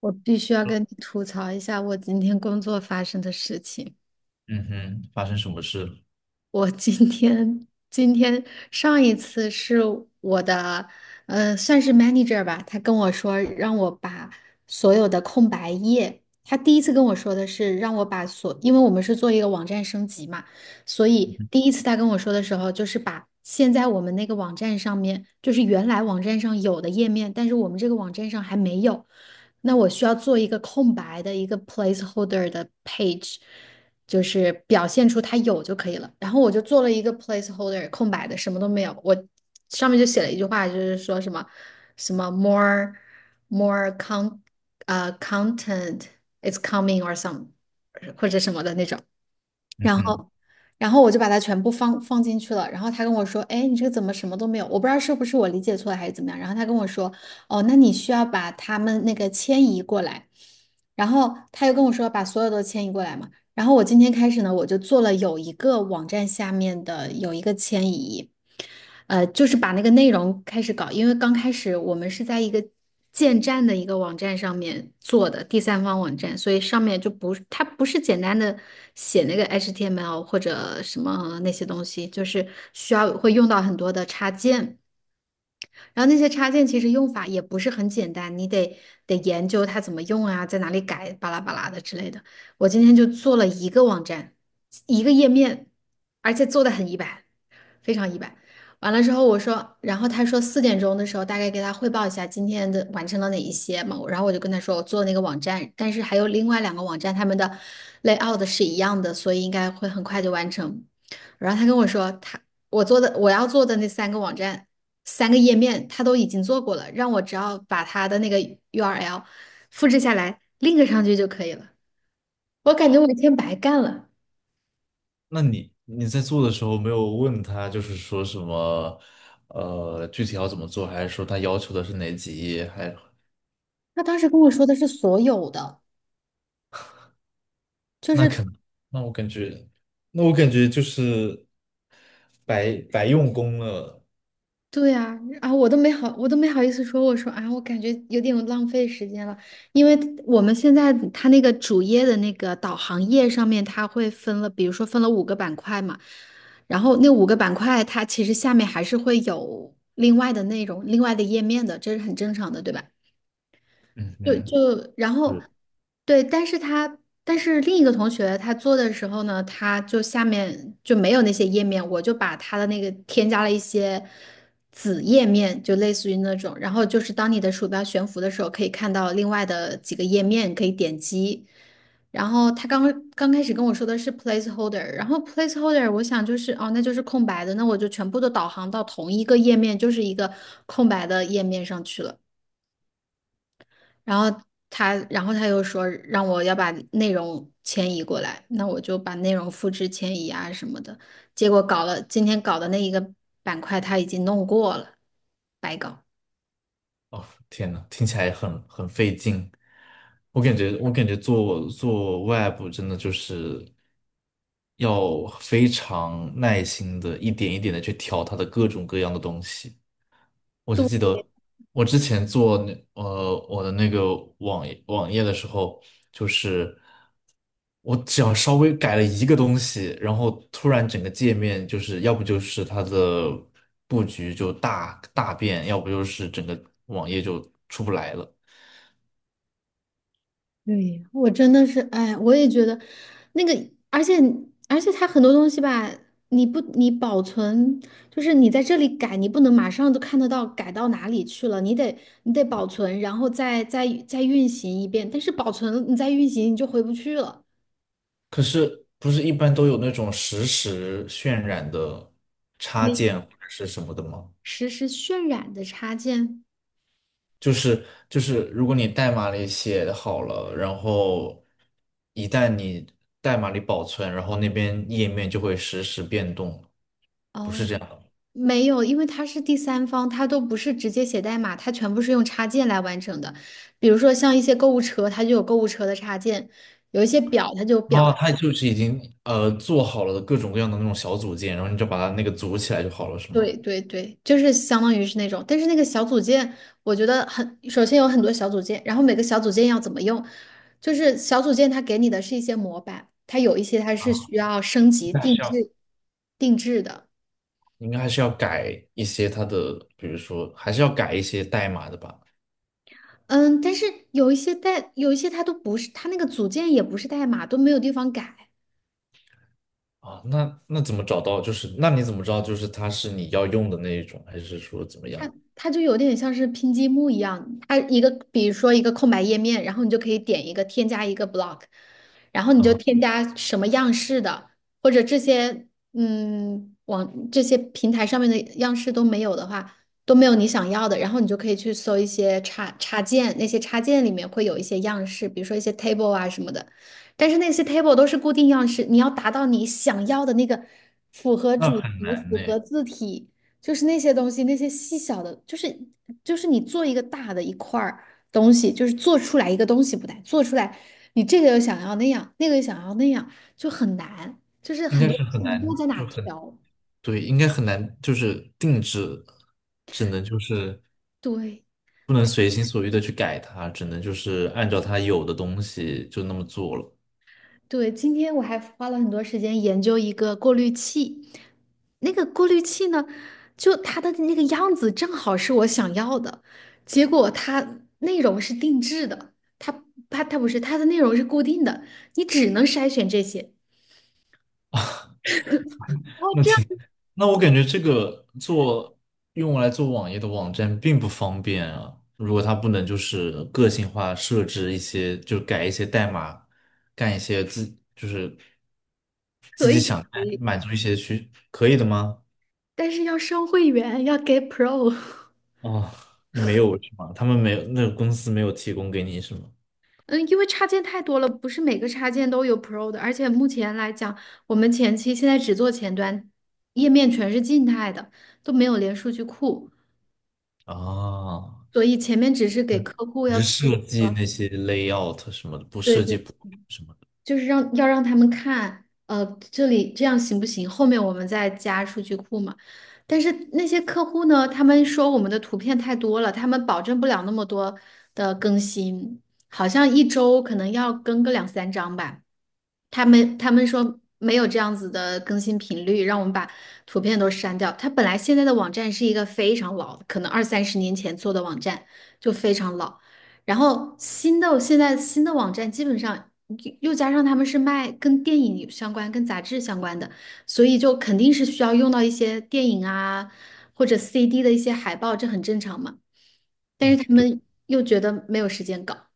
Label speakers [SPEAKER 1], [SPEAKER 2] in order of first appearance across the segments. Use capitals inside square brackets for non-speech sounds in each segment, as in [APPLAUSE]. [SPEAKER 1] 我必须要跟你吐槽一下我今天工作发生的事情。
[SPEAKER 2] 嗯哼，发生什么事了？
[SPEAKER 1] 我今天上一次是我的，算是 manager 吧。他跟我说让我把所有的空白页，他第一次跟我说的是让我把所，因为我们是做一个网站升级嘛，所
[SPEAKER 2] 嗯
[SPEAKER 1] 以
[SPEAKER 2] 哼。
[SPEAKER 1] 第一次他跟我说的时候，就是把现在我们那个网站上面，就是原来网站上有的页面，但是我们这个网站上还没有，那我需要做一个空白的一个 placeholder 的 page。就是表现出它有就可以了。然后我就做了一个 placeholder 空白的，什么都没有。我上面就写了一句话，就是说什么什么 more more con content is coming or some 或者什么的那种。然后然后我就把它全部放进去了。然后他跟我说：“哎，你这个怎么什么都没有？”我不知道是不是我理解错了还是怎么样。然后他跟我说：“哦，那你需要把他们那个迁移过来。”然后他又跟我说：“把所有都迁移过来嘛。”然后我今天开始呢，我就做了有一个网站下面的有一个迁移，就是把那个内容开始搞。因为刚开始我们是在一个建站的一个网站上面做的第三方网站，所以上面就不它不是简单的写那个 HTML 或者什么那些东西，就是需要会用到很多的插件。然后那些插件其实用法也不是很简单，你得研究它怎么用啊，在哪里改，巴拉巴拉的之类的。我今天就做了一个网站，一个页面，而且做的很一般，非常一般。完了之后我说，然后他说4点钟的时候大概给他汇报一下今天的完成了哪一些嘛，然后我就跟他说我做了那个网站，但是还有另外两个网站他们的 layout 是一样的，所以应该会很快就完成。然后他跟我说他我做的我要做的那三个网站。三个页面他都已经做过了，让我只要把他的那个 URL 复制下来，link 上去就可以了。我感觉我一天白干了。
[SPEAKER 2] 那你在做的时候没有问他，就是说什么，具体要怎么做，还是说他要求的是哪几页？还
[SPEAKER 1] 他当时跟我说的是所有的，就
[SPEAKER 2] 那
[SPEAKER 1] 是
[SPEAKER 2] 可能，那我感觉，那我感觉就是白白用功了。
[SPEAKER 1] 对呀。啊，我都没好意思说。我说啊，我感觉有点浪费时间了，因为我们现在它那个主页的那个导航页上面，它会分了，比如说分了五个板块嘛，然后那五个板块它其实下面还是会有另外的内容、另外的页面的，这是很正常的，对吧？
[SPEAKER 2] 嗯
[SPEAKER 1] 就
[SPEAKER 2] 哼，
[SPEAKER 1] 就然后，
[SPEAKER 2] 是。
[SPEAKER 1] 对。但是另一个同学他做的时候呢，他就下面就没有那些页面，我就把他的那个添加了一些子页面，就类似于那种。然后就是当你的鼠标悬浮的时候，可以看到另外的几个页面可以点击。然后他刚开始跟我说的是 placeholder。然后 placeholder 我想就是哦，那就是空白的，那我就全部都导航到同一个页面，就是一个空白的页面上去了。然后然后他又说让我要把内容迁移过来，那我就把内容复制迁移啊什么的。结果搞了，今天搞的那一个板块他已经弄过了，白搞。
[SPEAKER 2] 哦，天呐，听起来很费劲。我感觉，我感觉做 web 真的就是要非常耐心的，一点一点的去调它的各种各样的东西。我就记
[SPEAKER 1] 对，
[SPEAKER 2] 得我之前做那我的那个网页的时候，就是我只要稍微改了一个东西，然后突然整个界面就是要不就是它的布局就大大变，要不就是整个网页就出不来了。
[SPEAKER 1] 对，我真的是，哎，我也觉得那个。而且而且它很多东西吧，你不你保存，就是你在这里改，你不能马上都看得到改到哪里去了，你得保存，然后再运行一遍。但是保存了你再运行，你就回不去了。
[SPEAKER 2] 可是不是一般都有那种实时渲染的插
[SPEAKER 1] 你
[SPEAKER 2] 件或者是什么的吗？
[SPEAKER 1] 实时渲染的插件？
[SPEAKER 2] 就是，如果你代码里写好了，然后一旦你代码里保存，然后那边页面就会实时变动，不是
[SPEAKER 1] 哦，
[SPEAKER 2] 这样的。
[SPEAKER 1] 没有，因为它是第三方，它都不是直接写代码，它全部是用插件来完成的。比如说像一些购物车，它就有购物车的插件；有一些表，它就有表
[SPEAKER 2] 哦，
[SPEAKER 1] 的。
[SPEAKER 2] 它就是已经做好了各种各样的那种小组件，然后你就把它那个组起来就好了，是吗？
[SPEAKER 1] 对对对，就是相当于是那种。但是那个小组件，我觉得很，首先有很多小组件，然后每个小组件要怎么用，就是小组件它给你的是一些模板，它有一些它是
[SPEAKER 2] 啊，
[SPEAKER 1] 需要升级
[SPEAKER 2] 那还
[SPEAKER 1] 定
[SPEAKER 2] 是要，
[SPEAKER 1] 制的。
[SPEAKER 2] 应该还是要改一些它的，比如说还是要改一些代码的吧。
[SPEAKER 1] 嗯，但是有一些代，有一些它都不是，它那个组件也不是代码，都没有地方改。
[SPEAKER 2] 啊，那那怎么找到？就是那你怎么知道就是它是你要用的那一种，还是说怎么
[SPEAKER 1] 它
[SPEAKER 2] 样？
[SPEAKER 1] 它就有点像是拼积木一样，它一个比如说一个空白页面，然后你就可以点一个添加一个 block，然后你就
[SPEAKER 2] 啊，
[SPEAKER 1] 添加什么样式的，或者这些嗯网这些平台上面的样式都没有的话，都没有你想要的，然后你就可以去搜一些插件，那些插件里面会有一些样式，比如说一些 table 啊什么的，但是那些 table 都是固定样式，你要达到你想要的那个符合
[SPEAKER 2] 那
[SPEAKER 1] 主
[SPEAKER 2] 很
[SPEAKER 1] 题、
[SPEAKER 2] 难
[SPEAKER 1] 符
[SPEAKER 2] 呢。
[SPEAKER 1] 合字体。就是那些东西，那些细小的，就是你做一个大的一块儿东西，就是做出来一个东西不难，做出来你这个又想要那样，那个又想要那样，就很难，就是
[SPEAKER 2] 应
[SPEAKER 1] 很
[SPEAKER 2] 该
[SPEAKER 1] 多
[SPEAKER 2] 是很
[SPEAKER 1] 你
[SPEAKER 2] 难，
[SPEAKER 1] 不知道在哪
[SPEAKER 2] 就很，
[SPEAKER 1] 调。
[SPEAKER 2] 对，应该很难，就是定制，只能就是
[SPEAKER 1] 对。
[SPEAKER 2] 不能随心所欲的去改它，只能就是按照它有的东西就那么做了。
[SPEAKER 1] 对，今天我还花了很多时间研究一个过滤器。那个过滤器呢，就它的那个样子正好是我想要的，结果它内容是定制的，它它不是它的内容是固定的，你只能筛选这些。哦，
[SPEAKER 2] 那
[SPEAKER 1] 这
[SPEAKER 2] 挺，
[SPEAKER 1] 样
[SPEAKER 2] 那我感觉这个做用来做网页的网站并不方便啊。如果它不能就是个性化设置一些，就改一些代码，干一些自，就是
[SPEAKER 1] 可以可以，
[SPEAKER 2] 满足一些需，可以的吗？
[SPEAKER 1] 但是要升会员，要给 Pro。[LAUGHS]
[SPEAKER 2] 哦，你没有是吗？他们没有，那个公司没有提供给你是吗？
[SPEAKER 1] 嗯，因为插件太多了，不是每个插件都有 Pro 的。而且目前来讲，我们前期现在只做前端，页面全是静态的，都没有连数据库，
[SPEAKER 2] 啊，
[SPEAKER 1] 所以前面只是给
[SPEAKER 2] 对。
[SPEAKER 1] 客户要
[SPEAKER 2] 只
[SPEAKER 1] 做。
[SPEAKER 2] 是设
[SPEAKER 1] 对。
[SPEAKER 2] 计那些 layout 什么的，不设计不
[SPEAKER 1] 对，
[SPEAKER 2] 什么的，
[SPEAKER 1] 就是让要让他们看，这里这样行不行？后面我们再加数据库嘛。但是那些客户呢，他们说我们的图片太多了，他们保证不了那么多的更新，好像一周可能要更个两三张吧。他们说没有这样子的更新频率，让我们把图片都删掉。它本来现在的网站是一个非常老的可能二三十年前做的网站，就非常老。然后新的现在新的网站基本上又加上他们是卖跟电影有相关、跟杂志相关的，所以就肯定是需要用到一些电影啊或者 CD 的一些海报，这很正常嘛。但是他
[SPEAKER 2] 对
[SPEAKER 1] 们又觉得没有时间搞，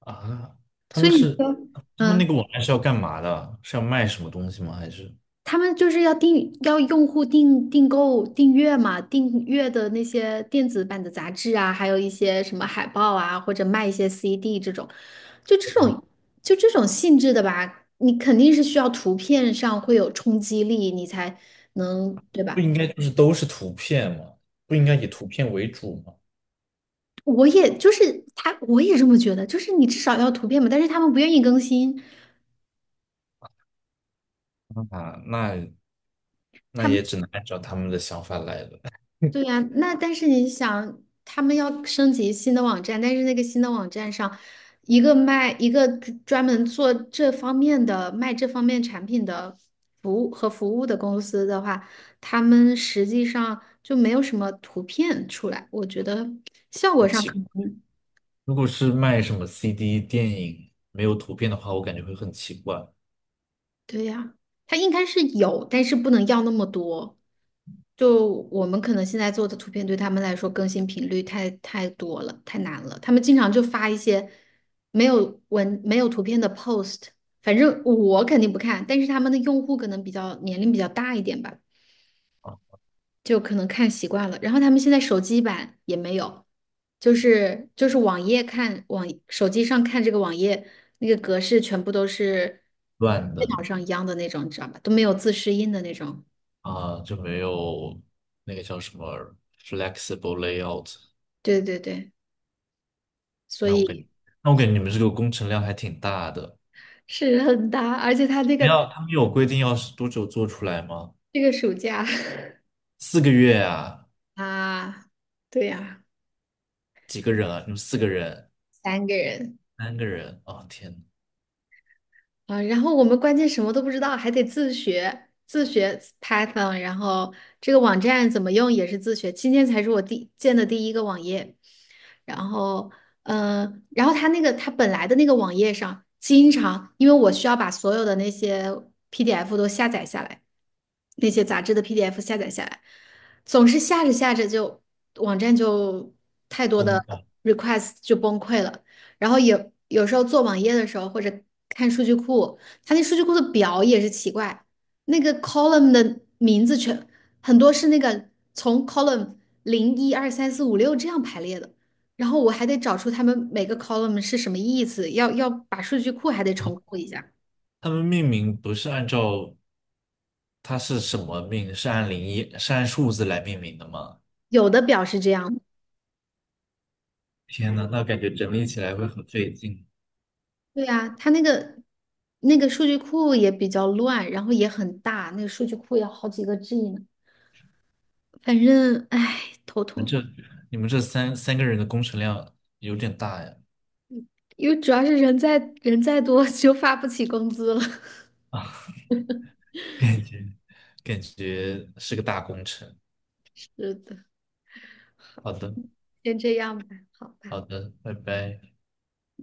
[SPEAKER 2] 啊。他
[SPEAKER 1] 所
[SPEAKER 2] 们
[SPEAKER 1] 以你
[SPEAKER 2] 是
[SPEAKER 1] 说。
[SPEAKER 2] 他们那
[SPEAKER 1] 嗯。
[SPEAKER 2] 个网站是要干嘛的？是要卖什么东西吗？还是
[SPEAKER 1] 他们就是要订要用户订订阅嘛，订阅的那些电子版的杂志啊，还有一些什么海报啊，或者卖一些 CD 这种，就这种就这种性质的吧。你肯定是需要图片上会有冲击力，你才能，对
[SPEAKER 2] 不
[SPEAKER 1] 吧？
[SPEAKER 2] 应该就是都是图片吗？不应该以图片为主吗？
[SPEAKER 1] 我也就是他，我也这么觉得，就是你至少要图片嘛，但是他们不愿意更新。
[SPEAKER 2] 啊，那那
[SPEAKER 1] 他们。
[SPEAKER 2] 也只能按照他们的想法来了，
[SPEAKER 1] 对呀，那但是你想，他们要升级新的网站，但是那个新的网站上，一个卖一个专门做这方面的卖这方面产品的服务和服务的公司的话，他们实际上就没有什么图片出来，我觉得效果
[SPEAKER 2] 很
[SPEAKER 1] 上
[SPEAKER 2] 奇
[SPEAKER 1] 可
[SPEAKER 2] 怪。
[SPEAKER 1] 能。
[SPEAKER 2] 如果是卖什么 CD 电影没有图片的话，我感觉会很奇怪，
[SPEAKER 1] 对呀，它应该是有，但是不能要那么多。就我们可能现在做的图片，对他们来说更新频率太多了，太难了。他们经常就发一些没有文、没有图片的 post，反正我肯定不看，但是他们的用户可能比较年龄比较大一点吧。就可能看习惯了。然后他们现在手机版也没有，就是网页看网手机上看这个网页那个格式全部都是
[SPEAKER 2] 乱
[SPEAKER 1] 电
[SPEAKER 2] 的。
[SPEAKER 1] 脑上一样的那种，你知道吧？都没有自适应的那种。
[SPEAKER 2] 啊，就没有那个叫什么 flexible layout。
[SPEAKER 1] 对对对，所
[SPEAKER 2] 那我感觉，
[SPEAKER 1] 以
[SPEAKER 2] 那我感觉你们这个工程量还挺大的。
[SPEAKER 1] 是很大。而且他那
[SPEAKER 2] 没
[SPEAKER 1] 个。
[SPEAKER 2] 有，他们有规定要是多久做出来吗？
[SPEAKER 1] 这个暑假
[SPEAKER 2] 四个月啊？
[SPEAKER 1] [LAUGHS] 啊。对呀、
[SPEAKER 2] 几个人啊？你们四个人？
[SPEAKER 1] 三个人。
[SPEAKER 2] 三个人？哦，天呐，
[SPEAKER 1] 啊，然后我们关键什么都不知道，还得自学，自学 Python，然后这个网站怎么用也是自学。今天才是我第建的第一个网页。然后，嗯、然后他那个他本来的那个网页上，经常因为我需要把所有的那些 PDF 都下载下来，那些杂志的 PDF 下载下来，总是下着下着就网站就太多的
[SPEAKER 2] 疯了！
[SPEAKER 1] request 就崩溃了。然后有时候做网页的时候或者看数据库，它那数据库的表也是奇怪。那个 column 的名字全很多是那个从 column 0 1 2 3 4 5 6这样排列的，然后我还得找出他们每个 column 是什么意思，要把数据库还得重构一下。
[SPEAKER 2] 他们命名不是按照它是什么命，是按零一，是按数字来命名的吗？
[SPEAKER 1] 有的表是这样。
[SPEAKER 2] 天呐，那感觉整理起来会很费劲。
[SPEAKER 1] 对呀，它那个。那个数据库也比较乱，然后也很大，那个数据库要好几个 G 呢。反正，唉，头
[SPEAKER 2] 你们
[SPEAKER 1] 痛。
[SPEAKER 2] 这你们这三个人的工程量有点大呀，
[SPEAKER 1] 因为主要是人再多 [LAUGHS] 就发不起工资了。
[SPEAKER 2] 感觉感觉是个大工程。
[SPEAKER 1] [LAUGHS] 是的。
[SPEAKER 2] 好的。
[SPEAKER 1] 先这样吧。好吧。
[SPEAKER 2] 好的，拜拜。